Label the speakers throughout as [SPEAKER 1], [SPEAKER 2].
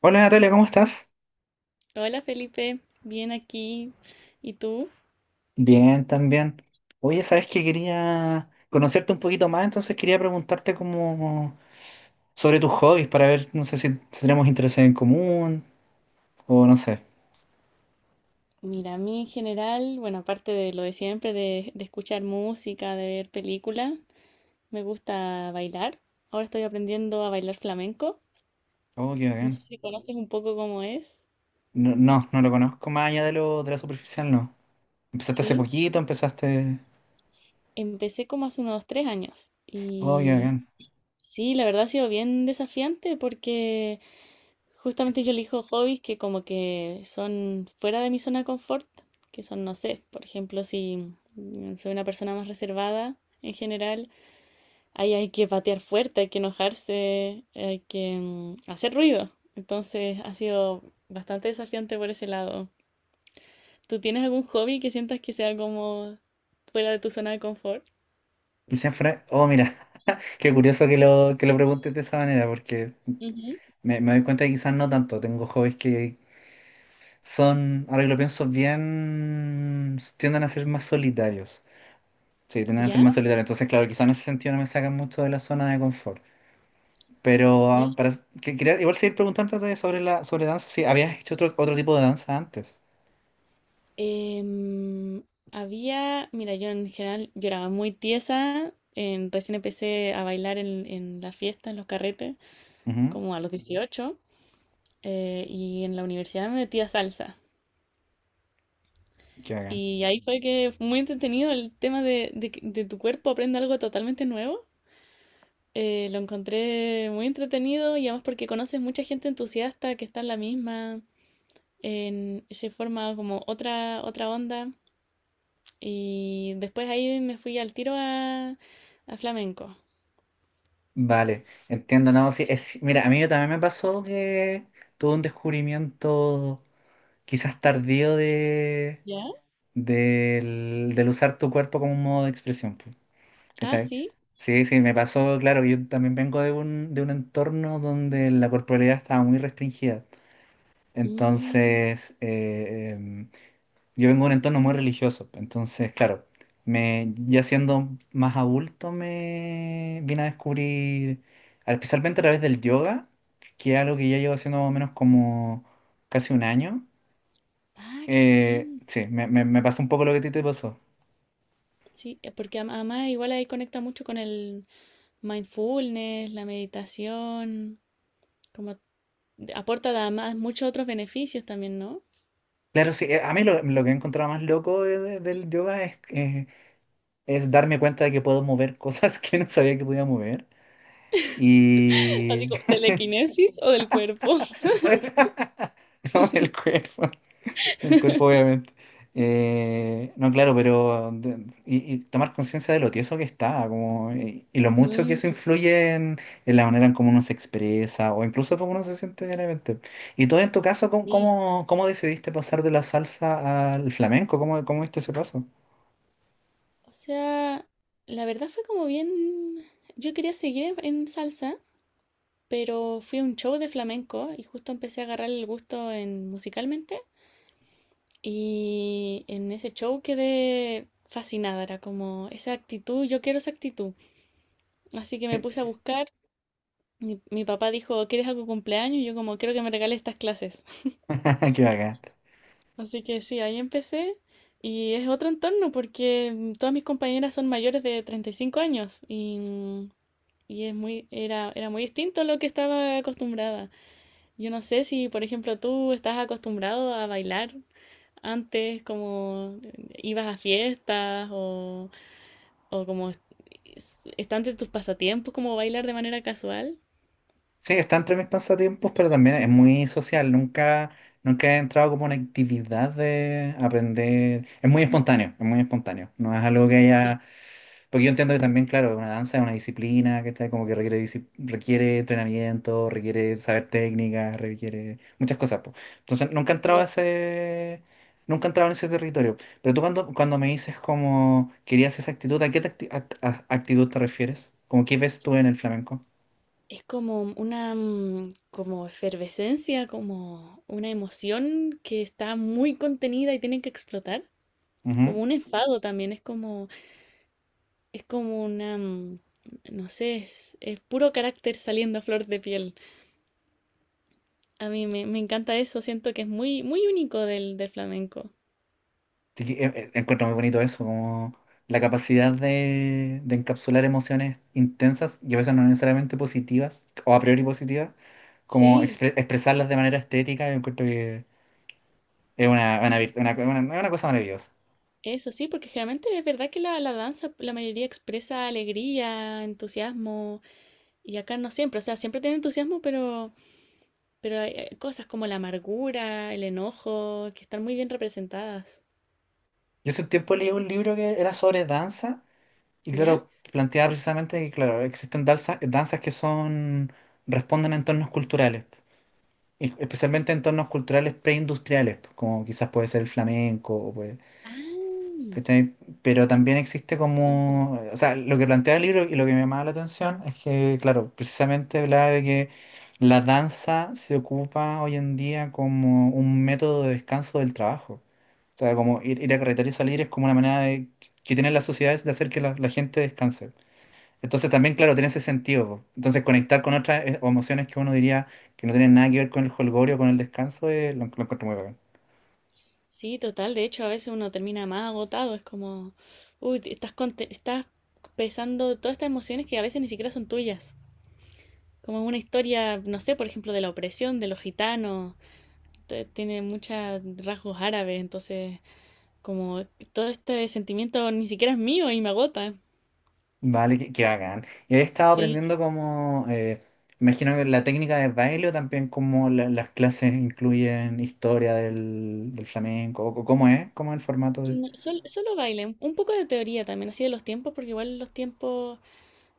[SPEAKER 1] Hola Natalia, ¿cómo estás?
[SPEAKER 2] Hola Felipe, bien aquí. ¿Y tú?
[SPEAKER 1] Bien, también. Oye, sabes que quería conocerte un poquito más, entonces quería preguntarte como sobre tus hobbies para ver, no sé si tenemos intereses en común o no sé.
[SPEAKER 2] Mira, a mí en general, bueno, aparte de lo de siempre, de escuchar música, de ver películas, me gusta bailar. Ahora estoy aprendiendo a bailar flamenco.
[SPEAKER 1] Oh, qué
[SPEAKER 2] No sé
[SPEAKER 1] bien.
[SPEAKER 2] si conoces un poco cómo es.
[SPEAKER 1] No, no, no lo conozco más allá de lo de la superficial, no. Empezaste hace
[SPEAKER 2] Sí,
[SPEAKER 1] poquito, empezaste.
[SPEAKER 2] empecé como hace unos tres años.
[SPEAKER 1] Oh, qué
[SPEAKER 2] Y
[SPEAKER 1] bien.
[SPEAKER 2] sí, la verdad ha sido bien desafiante porque justamente yo elijo hobbies que como que son fuera de mi zona de confort, que son, no sé, por ejemplo, si mm, soy una persona más reservada en general, ahí hay que patear fuerte, hay que enojarse, hay que hacer ruido. Entonces ha sido bastante desafiante por ese lado. ¿Tú tienes algún hobby que sientas que sea como fuera de tu zona de confort?
[SPEAKER 1] Y siempre. Oh, mira, qué curioso que lo preguntes de esa manera, porque
[SPEAKER 2] Ujú.
[SPEAKER 1] me doy cuenta que quizás no tanto. Tengo hobbies que son, ahora que lo pienso bien, tienden a ser más solitarios. Sí, tienden a ser
[SPEAKER 2] ¿Ya?
[SPEAKER 1] más solitarios. Entonces, claro, quizás en ese sentido no me sacan mucho de la zona de confort. Pero para, quería igual seguir preguntándote sobre la sobre danza, si habías hecho otro tipo de danza antes.
[SPEAKER 2] Em, Había, mira, yo en general yo era muy tiesa. Recién empecé a bailar en la fiesta, en los carretes,
[SPEAKER 1] Ujú.
[SPEAKER 2] como a los 18 y en la universidad me metí a salsa.
[SPEAKER 1] Qué bacán.
[SPEAKER 2] Y ahí fue que fue muy entretenido el tema de, de tu cuerpo aprende algo totalmente nuevo. Lo encontré muy entretenido y además porque conoces mucha gente entusiasta que está en la misma, en, se forma como otra, otra onda. Y después ahí me fui al tiro a flamenco.
[SPEAKER 1] Vale, entiendo, no, sí, es, mira, a mí también me pasó que tuve un descubrimiento quizás tardío de,
[SPEAKER 2] ¿Ya?
[SPEAKER 1] del usar tu cuerpo como un modo de expresión. Pues,
[SPEAKER 2] Ah,
[SPEAKER 1] ¿cachai?
[SPEAKER 2] sí.
[SPEAKER 1] Sí, sí, me pasó, claro, yo también vengo de de un entorno donde la corporalidad estaba muy restringida.
[SPEAKER 2] Mm,
[SPEAKER 1] Entonces, yo vengo de un entorno muy religioso, entonces, claro, me, ya siendo más adulto me vine a descubrir, especialmente a través del yoga, que es algo que ya llevo haciendo más o menos como casi un año.
[SPEAKER 2] ah, qué bien.
[SPEAKER 1] Sí, me pasó un poco lo que a ti te pasó.
[SPEAKER 2] Sí, porque además igual ahí conecta mucho con el mindfulness, la meditación, como aporta además muchos otros beneficios también, ¿no?
[SPEAKER 1] Claro, sí, a mí lo que he encontrado más loco del yoga es darme cuenta de que puedo mover cosas que no sabía que podía mover.
[SPEAKER 2] Así
[SPEAKER 1] Y
[SPEAKER 2] como telequinesis o del cuerpo.
[SPEAKER 1] no, el cuerpo obviamente. No, claro, pero y tomar conciencia de lo tieso que está, como, y lo mucho que eso
[SPEAKER 2] Mm,
[SPEAKER 1] influye en la manera en cómo uno se expresa o incluso cómo uno se siente diariamente. Y todo en tu caso,
[SPEAKER 2] sí.
[SPEAKER 1] cómo decidiste pasar de la salsa al flamenco? ¿Cómo, cómo viste ese paso?
[SPEAKER 2] O sea, la verdad fue como bien... Yo quería seguir en salsa, pero fui a un show de flamenco y justo empecé a agarrar el gusto en musicalmente y en ese show quedé fascinada, era como esa actitud, yo quiero esa actitud. Así que me puse a buscar, mi papá dijo, ¿quieres algo de cumpleaños? Y yo como, quiero que me regales estas clases.
[SPEAKER 1] Qué bacán.
[SPEAKER 2] Así que sí, ahí empecé y es otro entorno porque todas mis compañeras son mayores de 35 años y, y es muy, era, era muy distinto a lo que estaba acostumbrada. Yo no sé si, por ejemplo, tú estás acostumbrado a bailar antes, como ibas a fiestas o está entre tus pasatiempos, como bailar de manera casual.
[SPEAKER 1] Sí, está entre mis pasatiempos, pero también es muy social. Nunca, nunca he entrado como una actividad de aprender. Es muy espontáneo, es muy espontáneo. No es algo que
[SPEAKER 2] Sí,
[SPEAKER 1] haya. Porque yo entiendo que también, claro, una danza es una disciplina, ¿cachai? Como que requiere, requiere entrenamiento, requiere saber técnica, requiere muchas cosas, po. Entonces, nunca he entrado a
[SPEAKER 2] sí.
[SPEAKER 1] ese. Nunca he entrado en ese territorio. Pero tú cuando me dices como querías esa actitud, ¿a qué te acti- act- a- actitud te refieres? ¿Como qué ves tú en el flamenco?
[SPEAKER 2] Es como una como efervescencia, como una emoción que está muy contenida y tienen que explotar.
[SPEAKER 1] Ujú.
[SPEAKER 2] Como un enfado también, es como una, no sé, es puro carácter saliendo a flor de piel. A mí me, me encanta eso, siento que es muy, muy único del, del flamenco.
[SPEAKER 1] Sí que, encuentro muy bonito eso, como la capacidad de encapsular emociones intensas y a veces no necesariamente positivas o a priori positivas, como
[SPEAKER 2] Sí,
[SPEAKER 1] expresarlas de manera estética, yo encuentro que es una, virt- una cosa maravillosa.
[SPEAKER 2] eso sí, porque generalmente es verdad que la danza, la mayoría expresa alegría, entusiasmo, y acá no siempre, o sea, siempre tiene entusiasmo, pero hay cosas como la amargura, el enojo, que están muy bien representadas.
[SPEAKER 1] Yo hace un tiempo leí un libro que era sobre danza y
[SPEAKER 2] ¿Ya?
[SPEAKER 1] claro, planteaba precisamente que claro, existen danzas que son, responden a entornos culturales, y especialmente entornos culturales preindustriales, como quizás puede ser el flamenco o puede...
[SPEAKER 2] Ah,
[SPEAKER 1] ¿cachai? Pero también existe
[SPEAKER 2] interesante.
[SPEAKER 1] como, o sea, lo que plantea el libro y lo que me llamaba la atención es que, claro, precisamente hablaba de que la danza se ocupa hoy en día como un método de descanso del trabajo. O sea, como ir a carretera y salir es como una manera de, que tienen las sociedades de hacer que la gente descanse. Entonces también, claro, tiene ese sentido, po. Entonces conectar con otras emociones que uno diría que no tienen nada que ver con el jolgorio, con el descanso, lo encuentro muy bacán.
[SPEAKER 2] Sí, total, de hecho a veces uno termina más agotado, es como, uy, estás, estás pesando todas estas emociones que a veces ni siquiera son tuyas. Como una historia, no sé, por ejemplo, de la opresión de los gitanos, tiene muchos rasgos árabes, entonces como todo este sentimiento ni siquiera es mío y me agota,
[SPEAKER 1] Vale, qué, qué bacán. Y he estado
[SPEAKER 2] sí.
[SPEAKER 1] aprendiendo como, imagino que la técnica de baile o también como las clases incluyen historia del flamenco, o cómo es el formato de...
[SPEAKER 2] No, solo baile, un poco de teoría también, así de los tiempos, porque igual los tiempos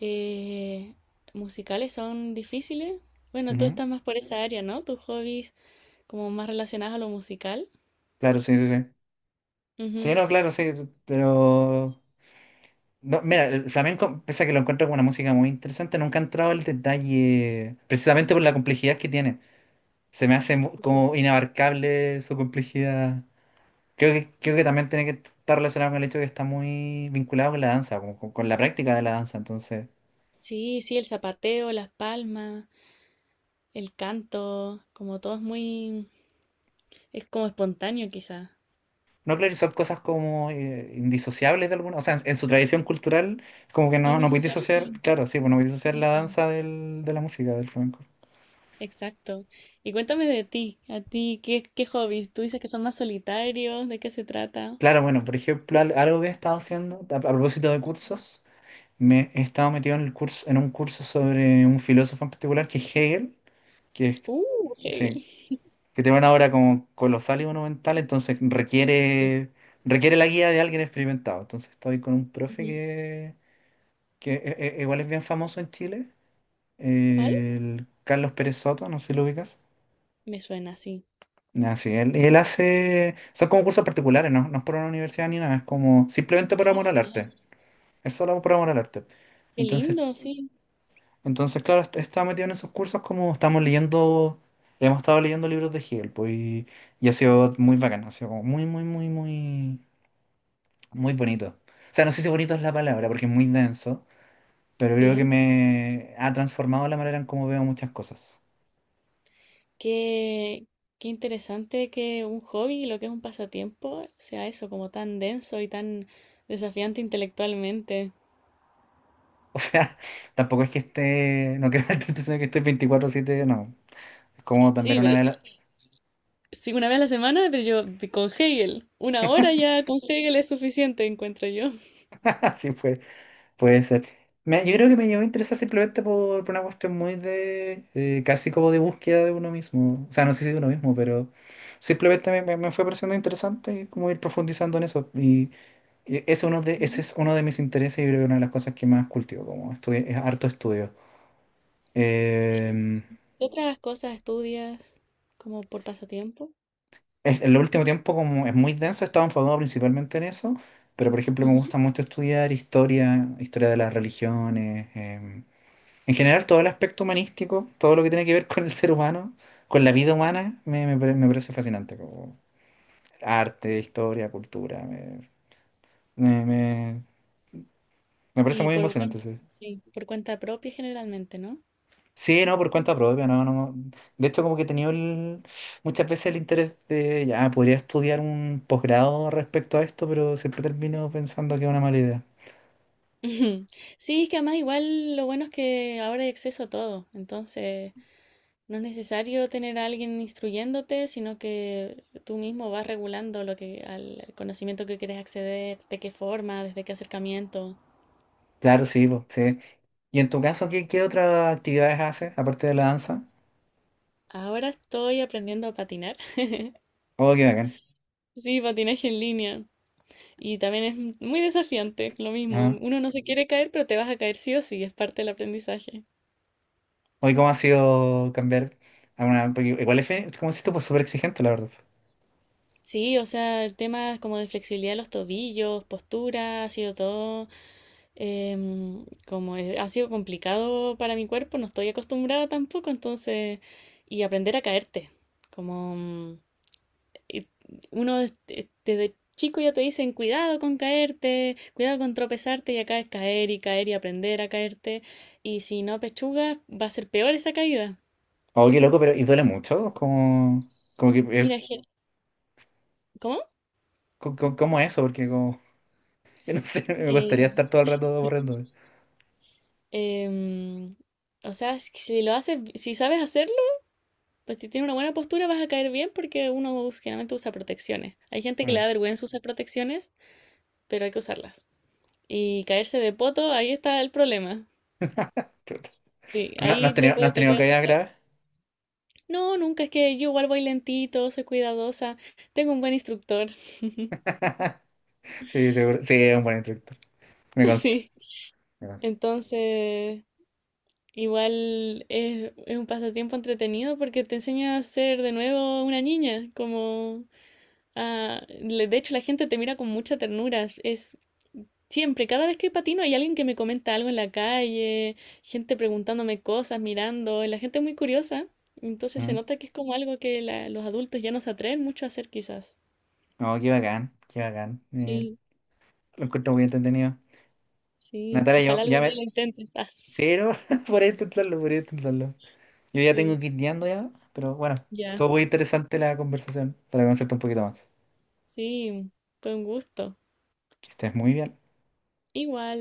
[SPEAKER 2] eh, musicales son difíciles. Bueno, tú
[SPEAKER 1] Ujú.
[SPEAKER 2] estás más por esa área, ¿no? Tus hobbies como más relacionados a lo musical.
[SPEAKER 1] Claro, sí, sí, sí. Sí,
[SPEAKER 2] Ujú.
[SPEAKER 1] no, claro, sí, sí, pero... no, mira, el flamenco, pese a que lo encuentro como una música muy interesante, nunca he entrado al detalle, precisamente por la complejidad que tiene. Se me hace como inabarcable su complejidad. Creo que también tiene que estar relacionado con el hecho de que está muy vinculado con la danza, como con la práctica de la danza. Entonces,
[SPEAKER 2] Sí, sí, el zapateo, las palmas, el canto, como todo es muy... Es como espontáneo, quizá.
[SPEAKER 1] no son cosas como indisociables de alguna. O sea, en su tradición cultural, como que no, no podéis
[SPEAKER 2] Indisociable,
[SPEAKER 1] disociar,
[SPEAKER 2] sí.
[SPEAKER 1] claro, sí, pues no podéis disociar la
[SPEAKER 2] Eso.
[SPEAKER 1] danza del, de la música, del flamenco.
[SPEAKER 2] Exacto. Y cuéntame de ti, a ti, ¿qué, qué hobbies? Tú dices que son más solitarios, ¿de qué se trata?
[SPEAKER 1] Claro, bueno, por ejemplo, algo que he estado haciendo a propósito de cursos, me he estado metido en el curso, en un curso sobre un filósofo en particular que es Hegel, que es...
[SPEAKER 2] Uh, Hegel.
[SPEAKER 1] sí, que te van ahora como colosal y monumental, entonces
[SPEAKER 2] Sí.
[SPEAKER 1] requiere, requiere la guía de alguien experimentado. Entonces estoy con un profe
[SPEAKER 2] Ujú.
[SPEAKER 1] que igual es bien famoso en Chile,
[SPEAKER 2] ¿Cuál?
[SPEAKER 1] el Carlos Pérez Soto, no sé si lo ubicas.
[SPEAKER 2] Me suena sí.
[SPEAKER 1] Ah, sí, él hace, son como cursos particulares, ¿no? No es por una universidad ni nada, es como simplemente por
[SPEAKER 2] Ah,
[SPEAKER 1] amor al
[SPEAKER 2] genial.
[SPEAKER 1] arte. Es solo por amor al arte.
[SPEAKER 2] Qué
[SPEAKER 1] Entonces,
[SPEAKER 2] lindo, sí.
[SPEAKER 1] entonces, claro, estaba metido en esos cursos como estamos leyendo, hemos estado leyendo libros de Hegel, pues, y ha sido muy bacán, ha sido como muy bonito. O sea, no sé si bonito es la palabra, porque es muy denso, pero creo que
[SPEAKER 2] Sí.
[SPEAKER 1] me ha transformado la manera en cómo veo muchas cosas.
[SPEAKER 2] Qué, qué interesante que un hobby, lo que es un pasatiempo, sea eso, como tan denso y tan desafiante intelectualmente.
[SPEAKER 1] O sea, tampoco es que esté, no quiero darte la impresión de que estoy 24/7, no. Es como
[SPEAKER 2] Sí,
[SPEAKER 1] también una
[SPEAKER 2] pero...
[SPEAKER 1] vela,
[SPEAKER 2] Sí, una vez a la semana, pero yo con Hegel. Una hora ya con Hegel es suficiente, encuentro yo.
[SPEAKER 1] así fue. Puede ser. Yo creo que me llegó a interesar simplemente por una cuestión muy de, casi como de búsqueda de uno mismo. O sea, no sé si de uno mismo, pero simplemente me fue pareciendo interesante y como ir profundizando en eso. Y ese, ese
[SPEAKER 2] Ujú.
[SPEAKER 1] es uno de mis intereses y creo que una de las cosas que más cultivo, como estudio, es harto estudio.
[SPEAKER 2] ¿Qué
[SPEAKER 1] Eh,
[SPEAKER 2] otras cosas estudias como por pasatiempo?
[SPEAKER 1] en el último tiempo, como es muy denso, he estado enfocado principalmente en eso, pero por ejemplo me
[SPEAKER 2] Ujú.
[SPEAKER 1] gusta mucho estudiar historia, historia de las religiones. En general, todo el aspecto humanístico, todo lo que tiene que ver con el ser humano, con la vida humana, me parece fascinante. Como arte, historia, cultura, me, me- me parece
[SPEAKER 2] Y
[SPEAKER 1] muy
[SPEAKER 2] por
[SPEAKER 1] emocionante.
[SPEAKER 2] cuenta,
[SPEAKER 1] Sí.
[SPEAKER 2] sí, por cuenta propia generalmente, ¿no?
[SPEAKER 1] Sí, no, por cuenta propia, no, no, no. De hecho, como que he tenido muchas veces el interés de, ya, podría estudiar un posgrado respecto a esto, pero siempre termino pensando que es una mala idea.
[SPEAKER 2] Ujú. Sí, es que además igual lo bueno es que ahora hay acceso a todo, entonces no es necesario tener a alguien instruyéndote, sino que tú mismo vas regulando lo que al conocimiento que quieres acceder, de qué forma, desde qué acercamiento.
[SPEAKER 1] Claro, sí, po, sí. ¿Y en tu caso, qué, qué otras actividades haces, aparte de la danza?
[SPEAKER 2] Ahora estoy aprendiendo a patinar.
[SPEAKER 1] Oh, qué bacán.
[SPEAKER 2] Sí, patinaje en línea. Y también es muy desafiante, lo mismo.
[SPEAKER 1] Ajá.
[SPEAKER 2] Uno no se quiere caer, pero te vas a caer sí o sí, es parte del aprendizaje.
[SPEAKER 1] Hoy, ¿cómo ha sido cambiar a una... porque igual es, como si esto pues súper exigente, la verdad.
[SPEAKER 2] Sí, o sea, el tema como de flexibilidad de los tobillos, postura, ha sido todo como ha sido complicado para mi cuerpo, no estoy acostumbrada tampoco, entonces, y aprender a caerte, como uno este, desde chico ya te dicen cuidado con caerte, cuidado con tropezarte y acá es caer y caer y aprender a caerte. Y si no pechugas, va a ser peor esa caída.
[SPEAKER 1] Oye, qué loco, pero... ¿Y duele mucho? Como, como que...
[SPEAKER 2] Mira, ¿cómo?
[SPEAKER 1] ¿Cómo, es eso? Porque como... Yo no sé, me gustaría
[SPEAKER 2] Eh,
[SPEAKER 1] estar todo el rato borrando.
[SPEAKER 2] em, o sea, si lo haces, si sabes hacerlo, pues si tienes una buena postura vas a caer bien porque generalmente usa protecciones. Hay gente que le
[SPEAKER 1] Mm.
[SPEAKER 2] da vergüenza usar protecciones, pero hay que usarlas. Y caerse de poto, ahí está el problema.
[SPEAKER 1] Chuta.
[SPEAKER 2] Sí,
[SPEAKER 1] Pero no, no has
[SPEAKER 2] ahí
[SPEAKER 1] tenido, no has
[SPEAKER 2] te
[SPEAKER 1] tenido
[SPEAKER 2] puede...
[SPEAKER 1] caídas graves.
[SPEAKER 2] No, nunca, es que yo igual voy lentito, soy cuidadosa, tengo un buen instructor,
[SPEAKER 1] Sí, seguro. Sí, es un buen instructor. Me consta.
[SPEAKER 2] sí.
[SPEAKER 1] Me consta.
[SPEAKER 2] Entonces, igual es un pasatiempo entretenido porque te enseña a ser de nuevo una niña, como de hecho la gente te mira con mucha ternura, es siempre, cada vez que patino hay alguien que me comenta algo en la calle, gente preguntándome cosas, mirando, y la gente es muy curiosa, entonces se
[SPEAKER 1] Mm.
[SPEAKER 2] nota que es como algo que los adultos ya no se atreven mucho a hacer quizás.
[SPEAKER 1] No, qué bacán, qué bacán.
[SPEAKER 2] Sí.
[SPEAKER 1] Lo encuentro muy entretenido.
[SPEAKER 2] Sí,
[SPEAKER 1] Natalia, yo
[SPEAKER 2] ojalá
[SPEAKER 1] ya
[SPEAKER 2] algún día
[SPEAKER 1] me.
[SPEAKER 2] lo intentes. Ah,
[SPEAKER 1] Pero podría intentarlo, podría intentarlo. Yo ya tengo
[SPEAKER 2] sí,
[SPEAKER 1] que ir guiando ya, pero bueno,
[SPEAKER 2] ya.
[SPEAKER 1] estuvo muy interesante la conversación para conocerte un poquito más.
[SPEAKER 2] Sí, fue un gusto.
[SPEAKER 1] Que estés muy bien.
[SPEAKER 2] Igual.